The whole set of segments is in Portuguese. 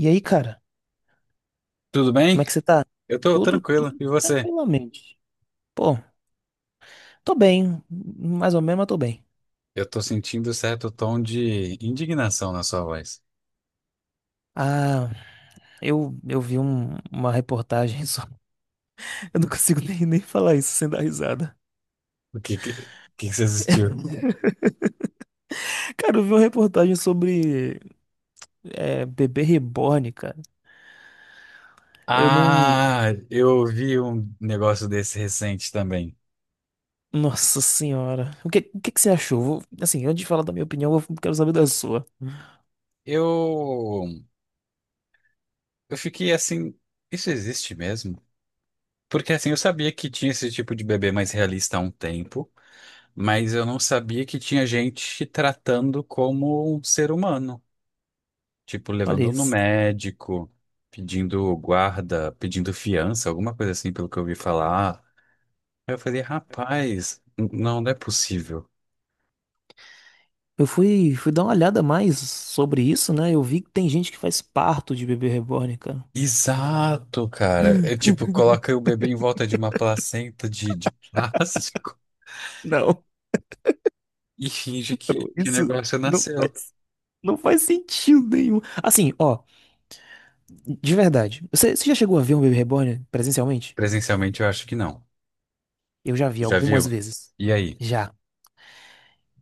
E aí, cara, Tudo como bem? é que você tá? Eu tô Tudo, tranquilo. tudo E você? tranquilamente. Pô, tô bem, mais ou menos, mas tô bem. Eu tô sentindo certo tom de indignação na sua voz. Ah, eu uma reportagem sobre. Eu não consigo nem falar isso sem dar risada. O que que você assistiu? Cara, eu vi uma reportagem sobre é, bebê reborn, cara. Eu não. Ah, eu vi um negócio desse recente também. Nossa senhora. O que que você achou? Assim, antes de falar da minha opinião, eu quero saber da sua. Eu eu fiquei assim, isso existe mesmo? Porque assim, eu sabia que tinha esse tipo de bebê mais realista há um tempo, mas eu não sabia que tinha gente tratando como um ser humano. Tipo, Olha levando no isso. médico, pedindo guarda, pedindo fiança, alguma coisa assim, pelo que eu ouvi falar. Aí eu falei, rapaz, não, não é possível. Eu fui dar uma olhada mais sobre isso, né? Eu vi que tem gente que faz parto de bebê reborn, cara. Exato, cara. É tipo, coloca o bebê em volta de uma placenta de plástico Não, e finge que o isso negócio não nasceu. faz, não faz sentido nenhum. Assim, ó, de verdade. Você já chegou a ver um Baby Reborn presencialmente? Presencialmente eu acho que não. Eu já vi Já algumas viu? vezes. E aí? Já.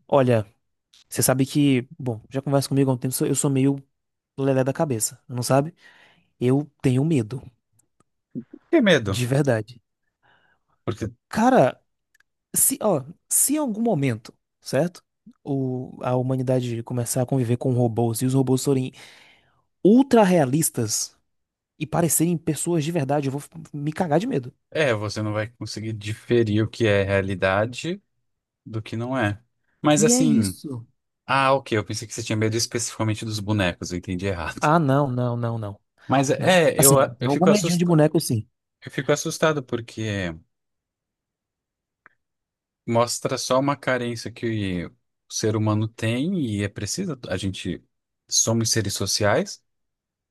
Olha, você sabe que, bom, já conversa comigo há um tempo, eu sou meio lelé da cabeça, não sabe? Eu tenho medo, Que medo. de verdade. Porque, Cara, se, ó, se em algum momento, certo? A humanidade começar a conviver com robôs e os robôs forem ultra realistas e parecerem pessoas de verdade, eu vou me cagar de medo. é, você não vai conseguir diferir o que é realidade do que não é. Mas E é assim. isso. Ah, ok. Eu pensei que você tinha medo especificamente dos bonecos, eu entendi errado. Ah, não, não, não, não, Mas não. é, eu, Assim, tem eu algum fico medinho de assustado, boneco, sim. eu fico assustado porque mostra só uma carência que o ser humano tem e é preciso. A gente somos seres sociais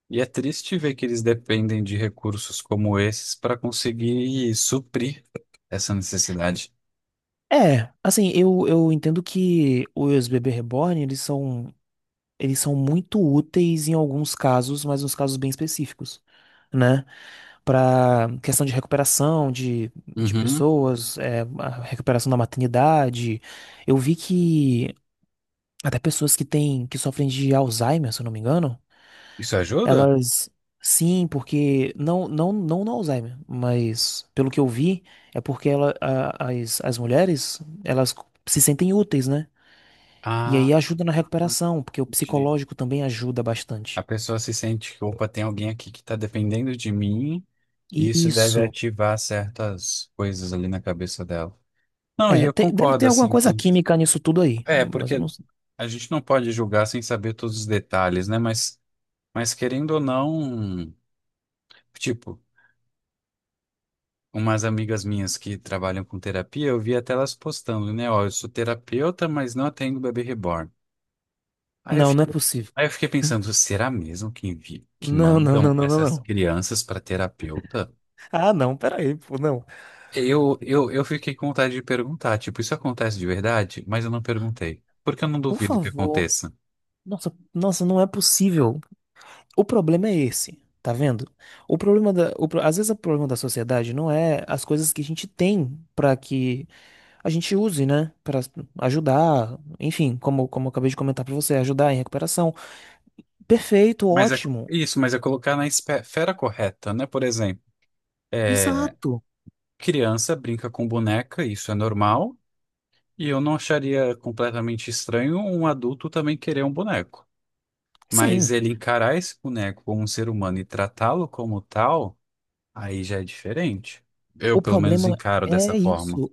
e é triste ver que eles dependem de recursos como esses para conseguir suprir essa necessidade. É, assim, eu entendo que os bebê reborn, eles são muito úteis em alguns casos, mas uns casos bem específicos, né? Pra questão de recuperação de Uhum. pessoas, é, a recuperação da maternidade. Eu vi que até pessoas que sofrem de Alzheimer, se eu não me engano, Isso ajuda? Elas. Sim, porque. Não, não, não no Alzheimer, mas pelo que eu vi, é porque as mulheres, elas se sentem úteis, né? E Ah, aí ajuda na recuperação, porque o entendi. psicológico também ajuda A bastante. pessoa se sente que, opa, tem alguém aqui que está dependendo de mim. E Isso deve isso. ativar certas coisas ali na cabeça dela. Não, É, e eu deve ter concordo, alguma assim, coisa que. química nisso tudo aí, É, mas eu não porque sei. a gente não pode julgar sem saber todos os detalhes, né? Mas querendo ou não, tipo, umas amigas minhas que trabalham com terapia, eu vi até elas postando, né? Ó, eu sou terapeuta, mas não atendo bebê reborn. Aí eu Não, não é fiquei, possível. aí eu fiquei pensando, será mesmo que envi que Não, não, mandam não, não, não, essas não. crianças para terapeuta? Ah, não, peraí, pô, não. Eu fiquei com vontade de perguntar, tipo, isso acontece de verdade? Mas eu não perguntei. Porque eu não Por duvido que favor. aconteça. Nossa, nossa, não é possível. O problema é esse, tá vendo? O problema da, o pro- Às vezes o problema da sociedade não é as coisas que a gente tem pra que a gente use, né? Pra ajudar, enfim, como, como eu acabei de comentar pra você, ajudar em recuperação. Perfeito, Mas é ótimo. isso, mas é colocar na esfera correta, né? Por exemplo, é, Exato. criança brinca com boneca, isso é normal. E eu não acharia completamente estranho um adulto também querer um boneco. Mas Sim. ele encarar esse boneco como um ser humano e tratá-lo como tal, aí já é diferente. Eu, O pelo menos, problema encaro dessa é forma. isso.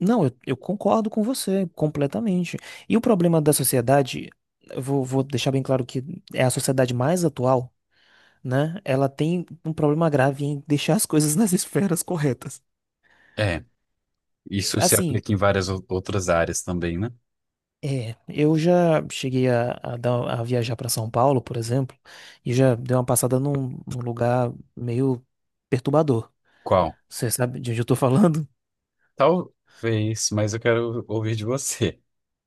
Não, eu concordo com você completamente. E o problema da sociedade, eu vou deixar bem claro que é a sociedade mais atual, né? Ela tem um problema grave em deixar as coisas nas esferas corretas. É, isso se Assim, aplica em várias outras áreas também, né? é, eu já cheguei a viajar para São Paulo, por exemplo, e já dei uma passada num lugar meio perturbador. Qual? Você sabe de onde eu tô falando? Talvez, mas eu quero ouvir de você.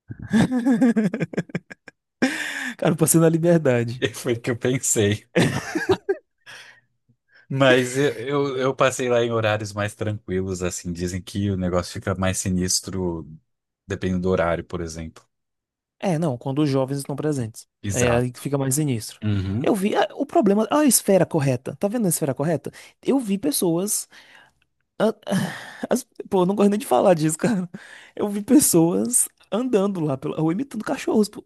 Cara, eu passei na Liberdade. Foi o que eu pensei. Mas eu passei lá em horários mais tranquilos, assim. Dizem que o negócio fica mais sinistro dependendo do horário, por exemplo. É, não, quando os jovens estão presentes. É aí que Exato. fica mais sinistro. Uhum. Eu vi ah, o problema, a esfera correta. Tá vendo a esfera correta? Eu vi pessoas a- as- pô, eu não gosto nem de falar disso, cara. Eu vi pessoas andando lá pela rua imitando cachorros, pô,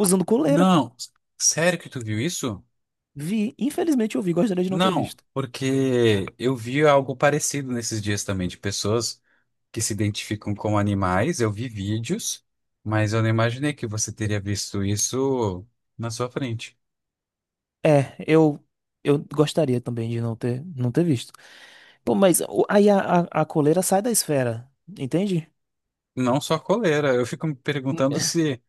Ah, coleira, pô. não, sério que tu viu isso? Vi, infelizmente eu vi, gostaria de não ter Não, visto. porque eu vi algo parecido nesses dias também, de pessoas que se identificam com animais. Eu vi vídeos, mas eu não imaginei que você teria visto isso na sua frente. É, eu gostaria também de não ter visto. Pô, mas a coleira sai da esfera, entende? Não só coleira. Eu fico me perguntando se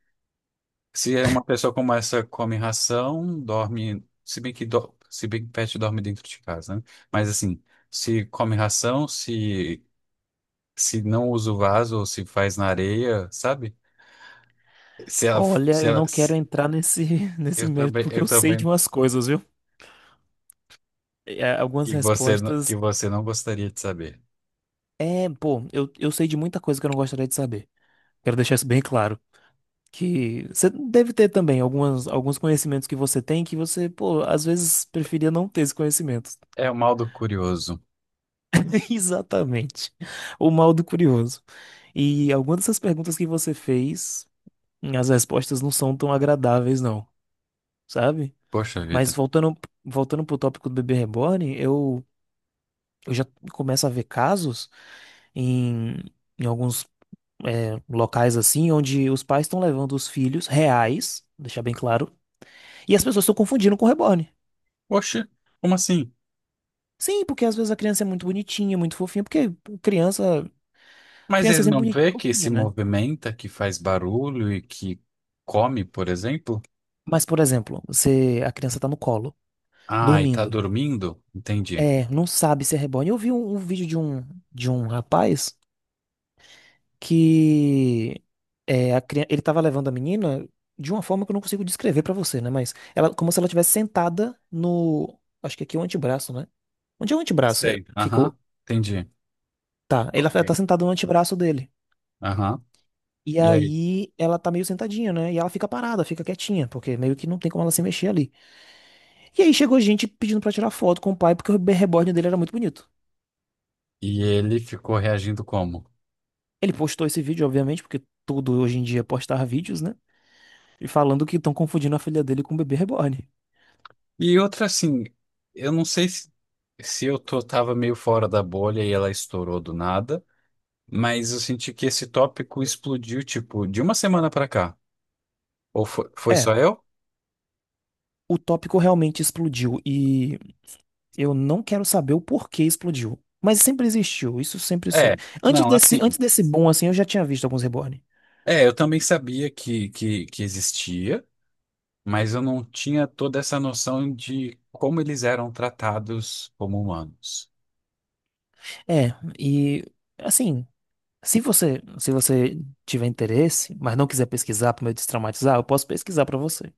se é uma pessoa como essa come ração, dorme, se bem que se bem que pet dorme dentro de casa, né? Mas assim, se come ração, se se não usa o vaso ou se faz na areia, sabe? Se ela Olha, se eu ela não quero se- entrar nesse nesse mérito porque eu eu sei de também umas coisas, viu? É, algumas que você que respostas. você não gostaria de saber. É, pô, eu sei de muita coisa que eu não gostaria de saber. Quero deixar isso bem claro. Que você deve ter também alguns conhecimentos que você tem que você, pô, às vezes preferia não ter esse conhecimento. É o mal do curioso. Exatamente. O mal do curioso. E algumas dessas perguntas que você fez, as respostas não são tão agradáveis, não, sabe? Poxa vida. Mas voltando, voltando pro tópico do bebê reborn, eu já começo a ver casos em, em alguns é, locais assim, onde os pais estão levando os filhos reais, deixar bem claro, e as pessoas estão confundindo com reborn. Poxa, como assim? Sim, porque às vezes a criança é muito bonitinha, muito fofinha, porque criança, Mas criança é ele sempre não bonitinha e vê que se fofinha, né? movimenta, que faz barulho e que come, por exemplo? Mas, por exemplo, você, a criança tá no colo, Ai, tá dormindo. dormindo? Entendi. É, não sabe se é reborn. Eu vi um vídeo de um rapaz que é, ele tava levando a menina de uma forma que eu não consigo descrever pra você, né? Mas ela, como se ela estivesse sentada no, acho que aqui é o antebraço, né? Onde é o Ah, antebraço? É, sei. Aham, ficou, entendi. tá. Ela Ok. tá sentada no antebraço dele. Aham. E E aí? aí ela tá meio sentadinha, né? E ela fica parada, fica quietinha, porque meio que não tem como ela se mexer ali. E aí chegou gente pedindo pra tirar foto com o pai, porque o reborn dele era muito bonito. E ele ficou reagindo como? Ele postou esse vídeo, obviamente, porque tudo hoje em dia é postar vídeos, né? E falando que estão confundindo a filha dele com o bebê reborn. E outra assim, eu não sei se, se eu tô, tava meio fora da bolha e ela estourou do nada, mas eu senti que esse tópico explodiu, tipo, de uma semana pra cá. Ou foi, foi É, só eu? o tópico realmente explodiu e eu não quero saber o porquê explodiu. Mas sempre existiu, isso sempre É, soube. Não, assim. Antes desse boom, assim, eu já tinha visto alguns reborn. É, eu também sabia que, que existia, mas eu não tinha toda essa noção de como eles eram tratados como humanos. É, e assim. Se você tiver interesse, mas não quiser pesquisar para me destraumatizar, eu posso pesquisar para você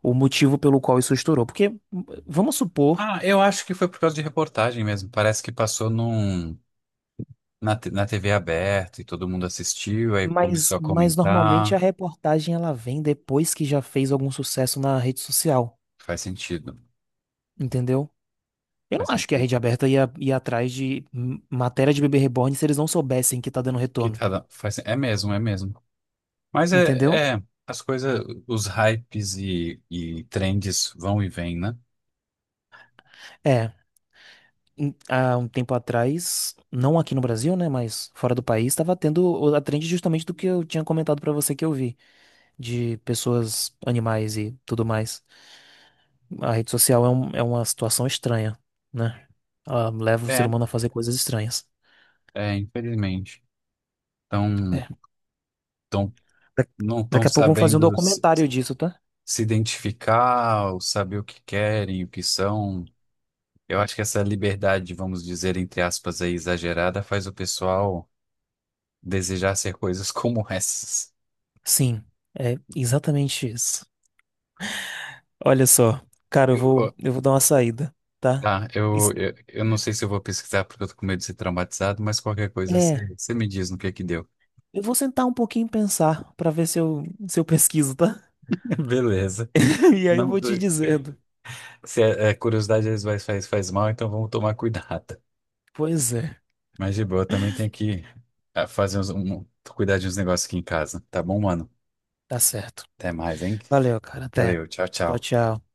o motivo pelo qual isso estourou. Porque vamos supor, Ah, eu acho que foi por causa de reportagem mesmo. Parece que passou num, na TV aberta e todo mundo assistiu, aí começou a mas normalmente comentar. a reportagem ela vem depois que já fez algum sucesso na rede social, Faz sentido. entendeu? Eu não Faz acho que a sentido. rede aberta ia atrás de matéria de bebê reborn se eles não soubessem que tá dando Que retorno, tá, faz, é mesmo, é mesmo. Mas entendeu? é, é, as coisas, os hypes e trends vão e vêm, né? É. Há um tempo atrás, não aqui no Brasil, né, mas fora do país, estava tendo a trend justamente do que eu tinha comentado para você que eu vi de pessoas, animais e tudo mais. A rede social é, é uma situação estranha, né? Ela leva o ser É, humano a fazer coisas estranhas. é, infelizmente. Então, É. tão, Da- não estão Daqui a pouco vamos fazer um sabendo se, documentário disso, tá? se identificar, ou saber o que querem, o que são. Eu acho que essa liberdade, vamos dizer, entre aspas, aí, exagerada, faz o pessoal desejar ser coisas como essas. Sim, é exatamente isso. Olha só, cara, Eu vou. eu vou dar uma saída, tá? Tá, eu, Isso- eu, eu não sei se eu vou pesquisar porque eu tô com medo de ser traumatizado, mas qualquer coisa você é, você me diz no que deu. eu vou sentar um pouquinho e pensar pra ver se eu pesquiso, tá? Beleza. E aí eu Não, vou te dizendo. se a, a curiosidade às vezes faz, faz mal, então vamos tomar cuidado. Pois é, Mas de boa, eu também tenho que fazer uns, um, cuidar de uns negócios aqui em casa. Tá bom, mano? tá certo. Até mais, hein? Valeu, cara. Até. Valeu, tchau, Tchau, tchau. tchau.